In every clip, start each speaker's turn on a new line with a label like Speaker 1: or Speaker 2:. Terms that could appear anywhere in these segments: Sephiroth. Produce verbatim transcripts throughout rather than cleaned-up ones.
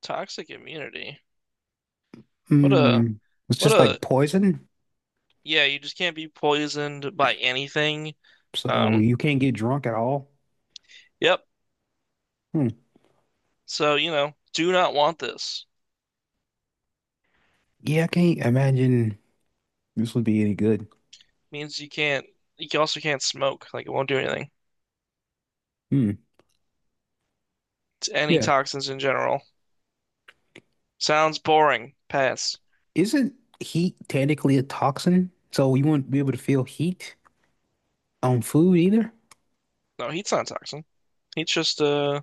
Speaker 1: Toxic immunity. What a
Speaker 2: Mm, it's
Speaker 1: what
Speaker 2: just
Speaker 1: a
Speaker 2: like poison,
Speaker 1: yeah, you just can't be poisoned by anything.
Speaker 2: so
Speaker 1: Um,
Speaker 2: you can't get drunk at all.
Speaker 1: yep.
Speaker 2: Hmm.
Speaker 1: So, you know, do not want this.
Speaker 2: Yeah, I can't imagine this would be any good.
Speaker 1: Means you can't you can- also can't smoke, like it won't do anything.
Speaker 2: Hmm.
Speaker 1: It's any
Speaker 2: Yeah.
Speaker 1: toxins in general. Sounds boring. Pass.
Speaker 2: Isn't heat technically a toxin? So you wouldn't be able to feel heat on food either?
Speaker 1: No, heat's not a toxin. Heat's just uh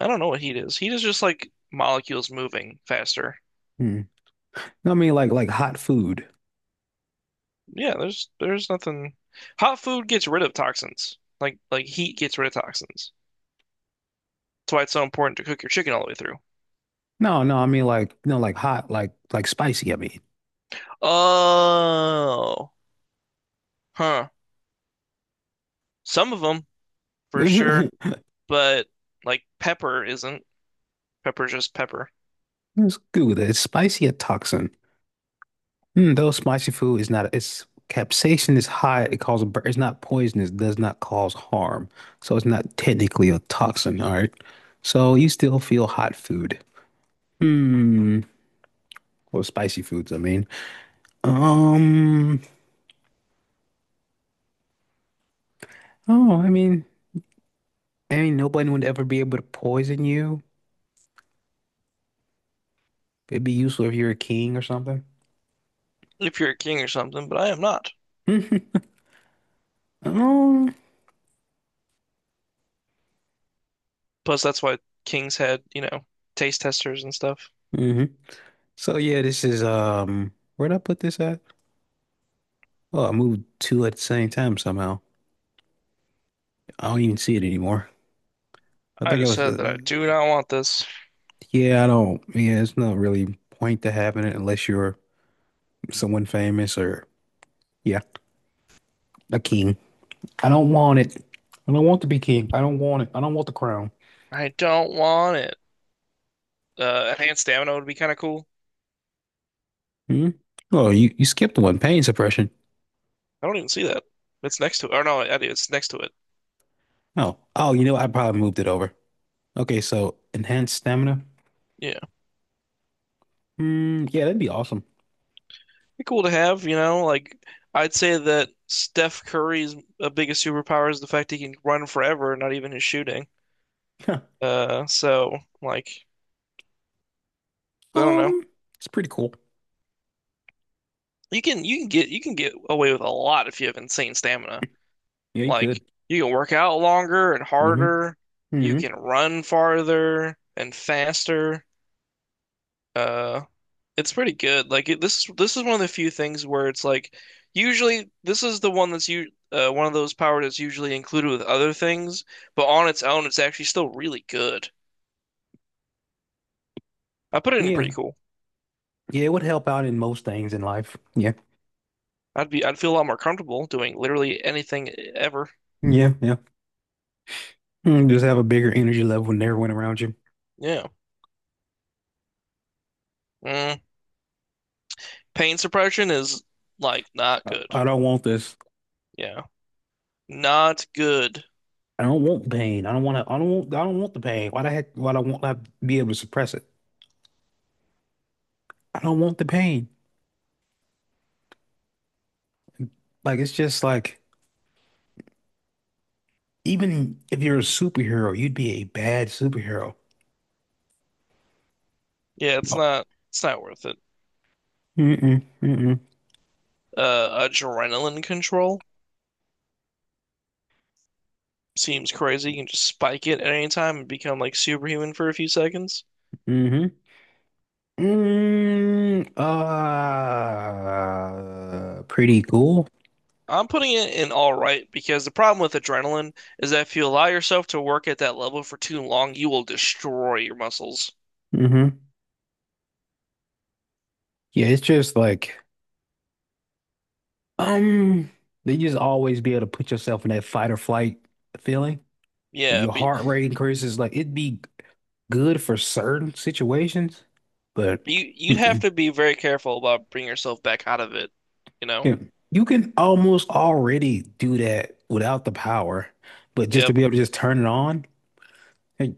Speaker 1: I don't know what heat is. Heat is just like molecules moving faster.
Speaker 2: Hmm. No, I mean like like hot food.
Speaker 1: Yeah, there's there's nothing. Hot food gets rid of toxins. Like like heat gets rid of toxins. That's why it's so important to cook your chicken all the way through.
Speaker 2: No, no, I mean like no, like hot, like like spicy, I mean.
Speaker 1: Oh, huh. Some of them for sure, but like pepper isn't. Pepper's just pepper.
Speaker 2: It's good. Is spicy a toxin? Mm, though spicy food is not, it's capsaicin is high. It causes, bur- it's not poisonous, does not cause harm. So it's not technically a toxin. All right. So you still feel hot food. Hmm. Or spicy foods, I mean. Um, oh, I mean, I mean, nobody would ever be able to poison you. It'd be useful if you're a king or something.
Speaker 1: If you're a king or something, but I am not.
Speaker 2: Um,
Speaker 1: Plus, that's why kings had, you know, taste testers and stuff.
Speaker 2: hmm So yeah, this is, um, where'd I put this at? Oh, I moved two at the same time somehow. I don't even see it anymore. I
Speaker 1: I
Speaker 2: think it
Speaker 1: just
Speaker 2: was,
Speaker 1: said
Speaker 2: uh,
Speaker 1: that I do not want this.
Speaker 2: yeah, I don't, yeah, it's not really point to having it unless you're someone famous or, yeah, a king. I don't want it. I don't want to be king. I don't want it. I don't want the crown.
Speaker 1: I don't want it. Uh, enhanced stamina would be kind of cool.
Speaker 2: Hmm? Oh, you, you skipped one, pain suppression.
Speaker 1: I don't even see that. It's next to it. Or no, I do. It's next to it.
Speaker 2: Oh, oh, you know, I probably moved it over. Okay, so enhanced stamina.
Speaker 1: Yeah.
Speaker 2: Hmm, yeah, that'd be awesome.
Speaker 1: Be cool to have, you know. Like I'd say that Steph Curry's uh, biggest superpower is the fact he can run forever, not even his shooting.
Speaker 2: Huh.
Speaker 1: Uh, so like I don't know.
Speaker 2: Um, it's pretty cool.
Speaker 1: You can you can get you can get away with a lot if you have insane stamina.
Speaker 2: Yeah, you could.
Speaker 1: Like you can work out longer and
Speaker 2: Mm-hmm.
Speaker 1: harder. You
Speaker 2: Mm-hmm.
Speaker 1: can run farther and faster. Uh, It's pretty good. Like it, this is this is one of the few things where it's like usually this is the one that's you uh, one of those power that's usually included with other things, but on its own, it's actually still really good. I put it in
Speaker 2: Yeah.
Speaker 1: pretty cool.
Speaker 2: Yeah, it would help out in most things in life. Yeah.
Speaker 1: I'd be I'd feel a lot more comfortable doing literally anything ever.
Speaker 2: Yeah. Yeah. Mm, just have a bigger energy level than everyone around you.
Speaker 1: Yeah. Mm. Pain suppression is like not
Speaker 2: I,
Speaker 1: good.
Speaker 2: I don't want this.
Speaker 1: Yeah. Not good.
Speaker 2: I don't want pain. I don't want to. I don't want. I don't want the pain. Why the heck? Why do I want not be able to suppress it? I don't want the pain. Like it's just like even if you're a superhero, you'd be a bad superhero.
Speaker 1: Yeah, it's
Speaker 2: Oh.
Speaker 1: not it's not worth it.
Speaker 2: Mm-mm, mm-mm,
Speaker 1: Uh, adrenaline control seems crazy. You can just spike it at any time and become like superhuman for a few seconds.
Speaker 2: mm-hmm. Mm, uh, pretty cool.
Speaker 1: I'm putting it in all right because the problem with adrenaline is that if you allow yourself to work at that level for too long, you will destroy your muscles.
Speaker 2: Hmm. Yeah, it's just like um, they just always be able to put yourself in that fight or flight feeling.
Speaker 1: Yeah,
Speaker 2: Your
Speaker 1: but
Speaker 2: heart rate increases. Like it'd be good for certain situations, but
Speaker 1: but you you'd have
Speaker 2: mm-mm.
Speaker 1: to be very careful about bringing yourself back out of it, you know?
Speaker 2: Yeah. You can almost already do that without the power, but just to
Speaker 1: Yep.
Speaker 2: be able to just turn it on. Like,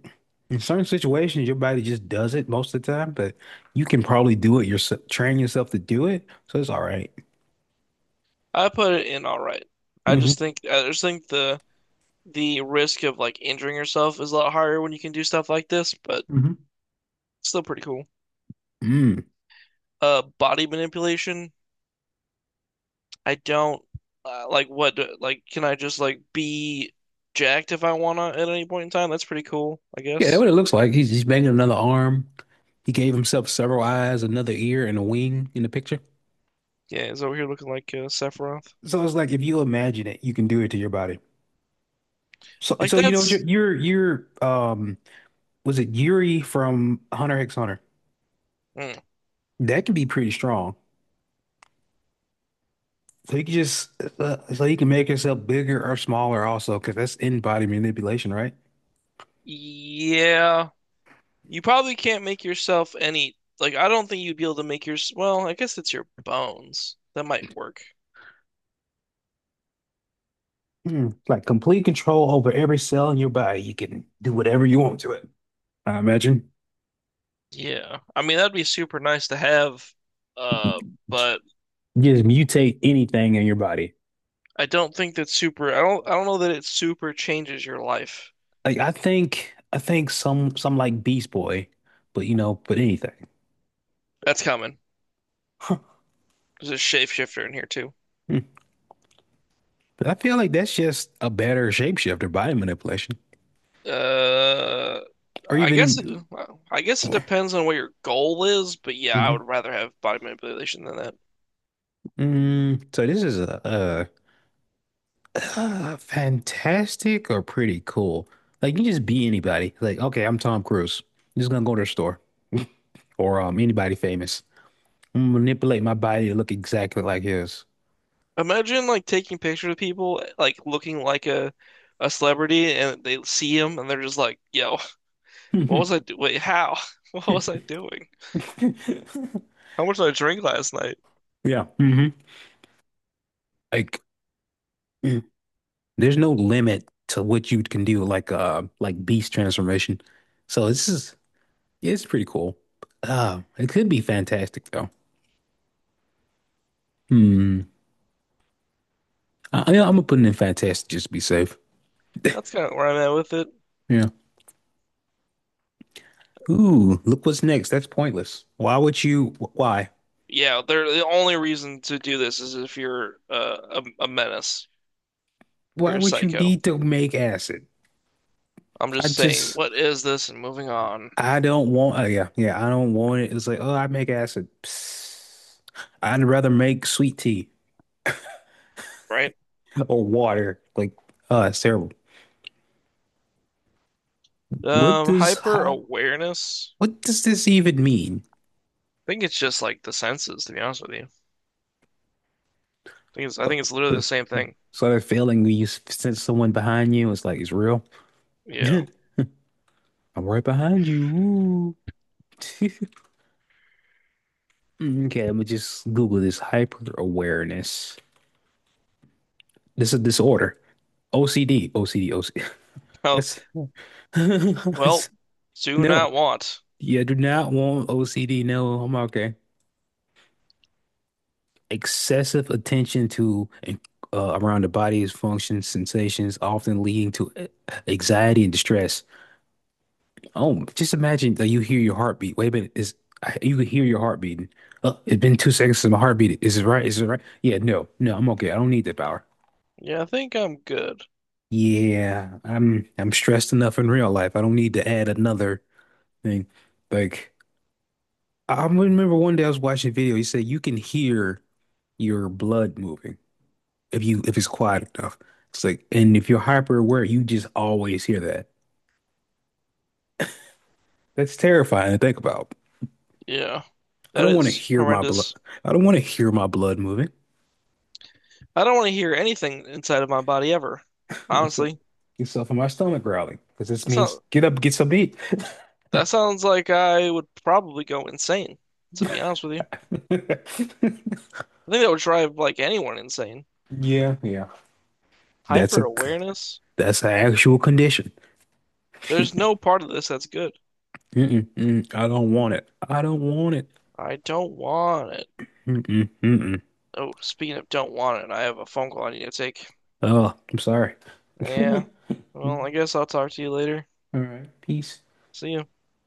Speaker 2: in certain situations, your body just does it most of the time, but you can probably do it yourself, train yourself to do it, so it's all right.
Speaker 1: I put it in all right. I
Speaker 2: Mm-hmm.
Speaker 1: just think I just think the the risk of like injuring yourself is a lot higher when you can do stuff like this, but
Speaker 2: Mm-hmm.
Speaker 1: it's still pretty cool.
Speaker 2: Mm.
Speaker 1: Uh, body manipulation. I don't uh, like what do- like can I just like be jacked if I wanna at any point in time? That's pretty cool, I
Speaker 2: Yeah, that's
Speaker 1: guess.
Speaker 2: what it looks like. He's he's banging another arm. He gave himself several eyes, another ear, and a wing in the picture.
Speaker 1: Yeah, is over here looking like uh, Sephiroth.
Speaker 2: So it's like if you imagine it, you can do it to your body. So,
Speaker 1: Like
Speaker 2: so you know what your
Speaker 1: that's
Speaker 2: your your um was it Yuri from Hunter x Hunter?
Speaker 1: mm,
Speaker 2: That can be pretty strong. So you can just uh, so you can make yourself bigger or smaller also because that's in-body manipulation, right?
Speaker 1: yeah. You probably can't make yourself any like I don't think you'd be able to make your well, I guess it's your bones. That might work.
Speaker 2: Mm, like complete control over every cell in your body. You can do whatever you want to it. I imagine.
Speaker 1: Yeah. I mean, that'd be super nice to have uh
Speaker 2: Just
Speaker 1: but
Speaker 2: mutate anything in your body.
Speaker 1: I don't think that's super I don't I don't know that it super changes your life.
Speaker 2: Like I think I think some some like Beast Boy, but you know, but anything.
Speaker 1: That's coming.
Speaker 2: Huh.
Speaker 1: There's a shapeshifter in here too.
Speaker 2: Hmm. But I feel like that's just a better shapeshifter body manipulation.
Speaker 1: Uh,
Speaker 2: Or
Speaker 1: I guess it,
Speaker 2: even
Speaker 1: I guess it depends on what your goal is, but yeah, I would rather have body manipulation than that.
Speaker 2: mm, so this is a, a, uh fantastic or pretty cool. Like you can just be anybody. Like, okay, I'm Tom Cruise. I'm just gonna go to the store or um anybody famous. I'm gonna manipulate my body to look exactly like his.
Speaker 1: Imagine like taking pictures of people like looking like a a celebrity and they see him and they're just like, "Yo, what was I do? Wait, how? What was I doing? How much did I drink last night?"
Speaker 2: Yeah. Hmm. Like mm, there's no limit to what you can do, like uh like beast transformation. So this is it's pretty cool. Uh it could be fantastic though. Hmm. I, I- I'm gonna put it in fantastic just to be safe.
Speaker 1: That's kind of where I'm at with it.
Speaker 2: Yeah. Ooh, look what's next. That's pointless. Why would you? Why?
Speaker 1: Yeah, they're the only reason to do this is if you're uh, a, a menace,
Speaker 2: Why
Speaker 1: you're a
Speaker 2: would you
Speaker 1: psycho.
Speaker 2: need to make acid?
Speaker 1: I'm
Speaker 2: I
Speaker 1: just saying,
Speaker 2: just,
Speaker 1: what is this and moving on,
Speaker 2: I don't want. Uh, yeah, yeah, I don't want it. It's like, oh, I make acid. Psst. I'd rather make sweet tea
Speaker 1: right?
Speaker 2: or water. Like, oh, it's terrible. What
Speaker 1: Um,
Speaker 2: does
Speaker 1: hyper
Speaker 2: hi-
Speaker 1: awareness.
Speaker 2: what does this even mean?
Speaker 1: I think it's just like the senses, to be honest with you. I think it's I
Speaker 2: Oh,
Speaker 1: think it's literally the
Speaker 2: so,
Speaker 1: same thing.
Speaker 2: so that feeling when you s- sense someone behind you, it's like it's real.
Speaker 1: Yeah.
Speaker 2: I'm right behind you. Ooh. Mm, okay, let me just Google this hyper awareness. This is a disorder. O C D, O C D, O C D.
Speaker 1: Well,
Speaker 2: That's,
Speaker 1: well,
Speaker 2: that's-
Speaker 1: do
Speaker 2: no,
Speaker 1: not want.
Speaker 2: you do not want O C D. No, I'm okay. Excessive attention to and, uh, around the body's functions, sensations, often leading to a- anxiety and distress. Oh, just imagine that you hear your heartbeat. Wait a minute, is you can hear your heart beating. Uh, it's been two seconds since my heart beat. Is it right? Is it right? Yeah, no, no, I'm okay. I don't need that power.
Speaker 1: Yeah, I think I'm good.
Speaker 2: Yeah, I'm I'm stressed enough in real life. I don't need to add another thing. Like I remember one day I was watching a video. He said you can hear your blood moving if you if it's quiet enough. It's like and if you're hyper aware, you just always hear that. That's terrifying to think about.
Speaker 1: Yeah.
Speaker 2: I
Speaker 1: That
Speaker 2: don't want to
Speaker 1: is
Speaker 2: hear my blood.
Speaker 1: horrendous.
Speaker 2: I don't want to hear my blood moving.
Speaker 1: I don't want to hear anything inside of my body ever.
Speaker 2: What's up?
Speaker 1: Honestly.
Speaker 2: Get yourself in my stomach growling because this
Speaker 1: That's
Speaker 2: means
Speaker 1: not,
Speaker 2: get up, get some meat.
Speaker 1: that sounds like I would probably go insane, to be honest with you.
Speaker 2: Yeah,
Speaker 1: I think that would drive like anyone insane.
Speaker 2: yeah. That's
Speaker 1: Hyper
Speaker 2: a
Speaker 1: awareness.
Speaker 2: that's an actual condition.
Speaker 1: There's no part of this that's good.
Speaker 2: Mm-mm, mm, I don't want it. I don't want it.
Speaker 1: I don't want it.
Speaker 2: Mm-mm, mm-mm.
Speaker 1: Oh, speaking of don't want it, I have a phone call I need to take.
Speaker 2: Oh, I'm sorry.
Speaker 1: Yeah. Well, I
Speaker 2: Mm,
Speaker 1: guess I'll talk to you later.
Speaker 2: all right, peace.
Speaker 1: See you.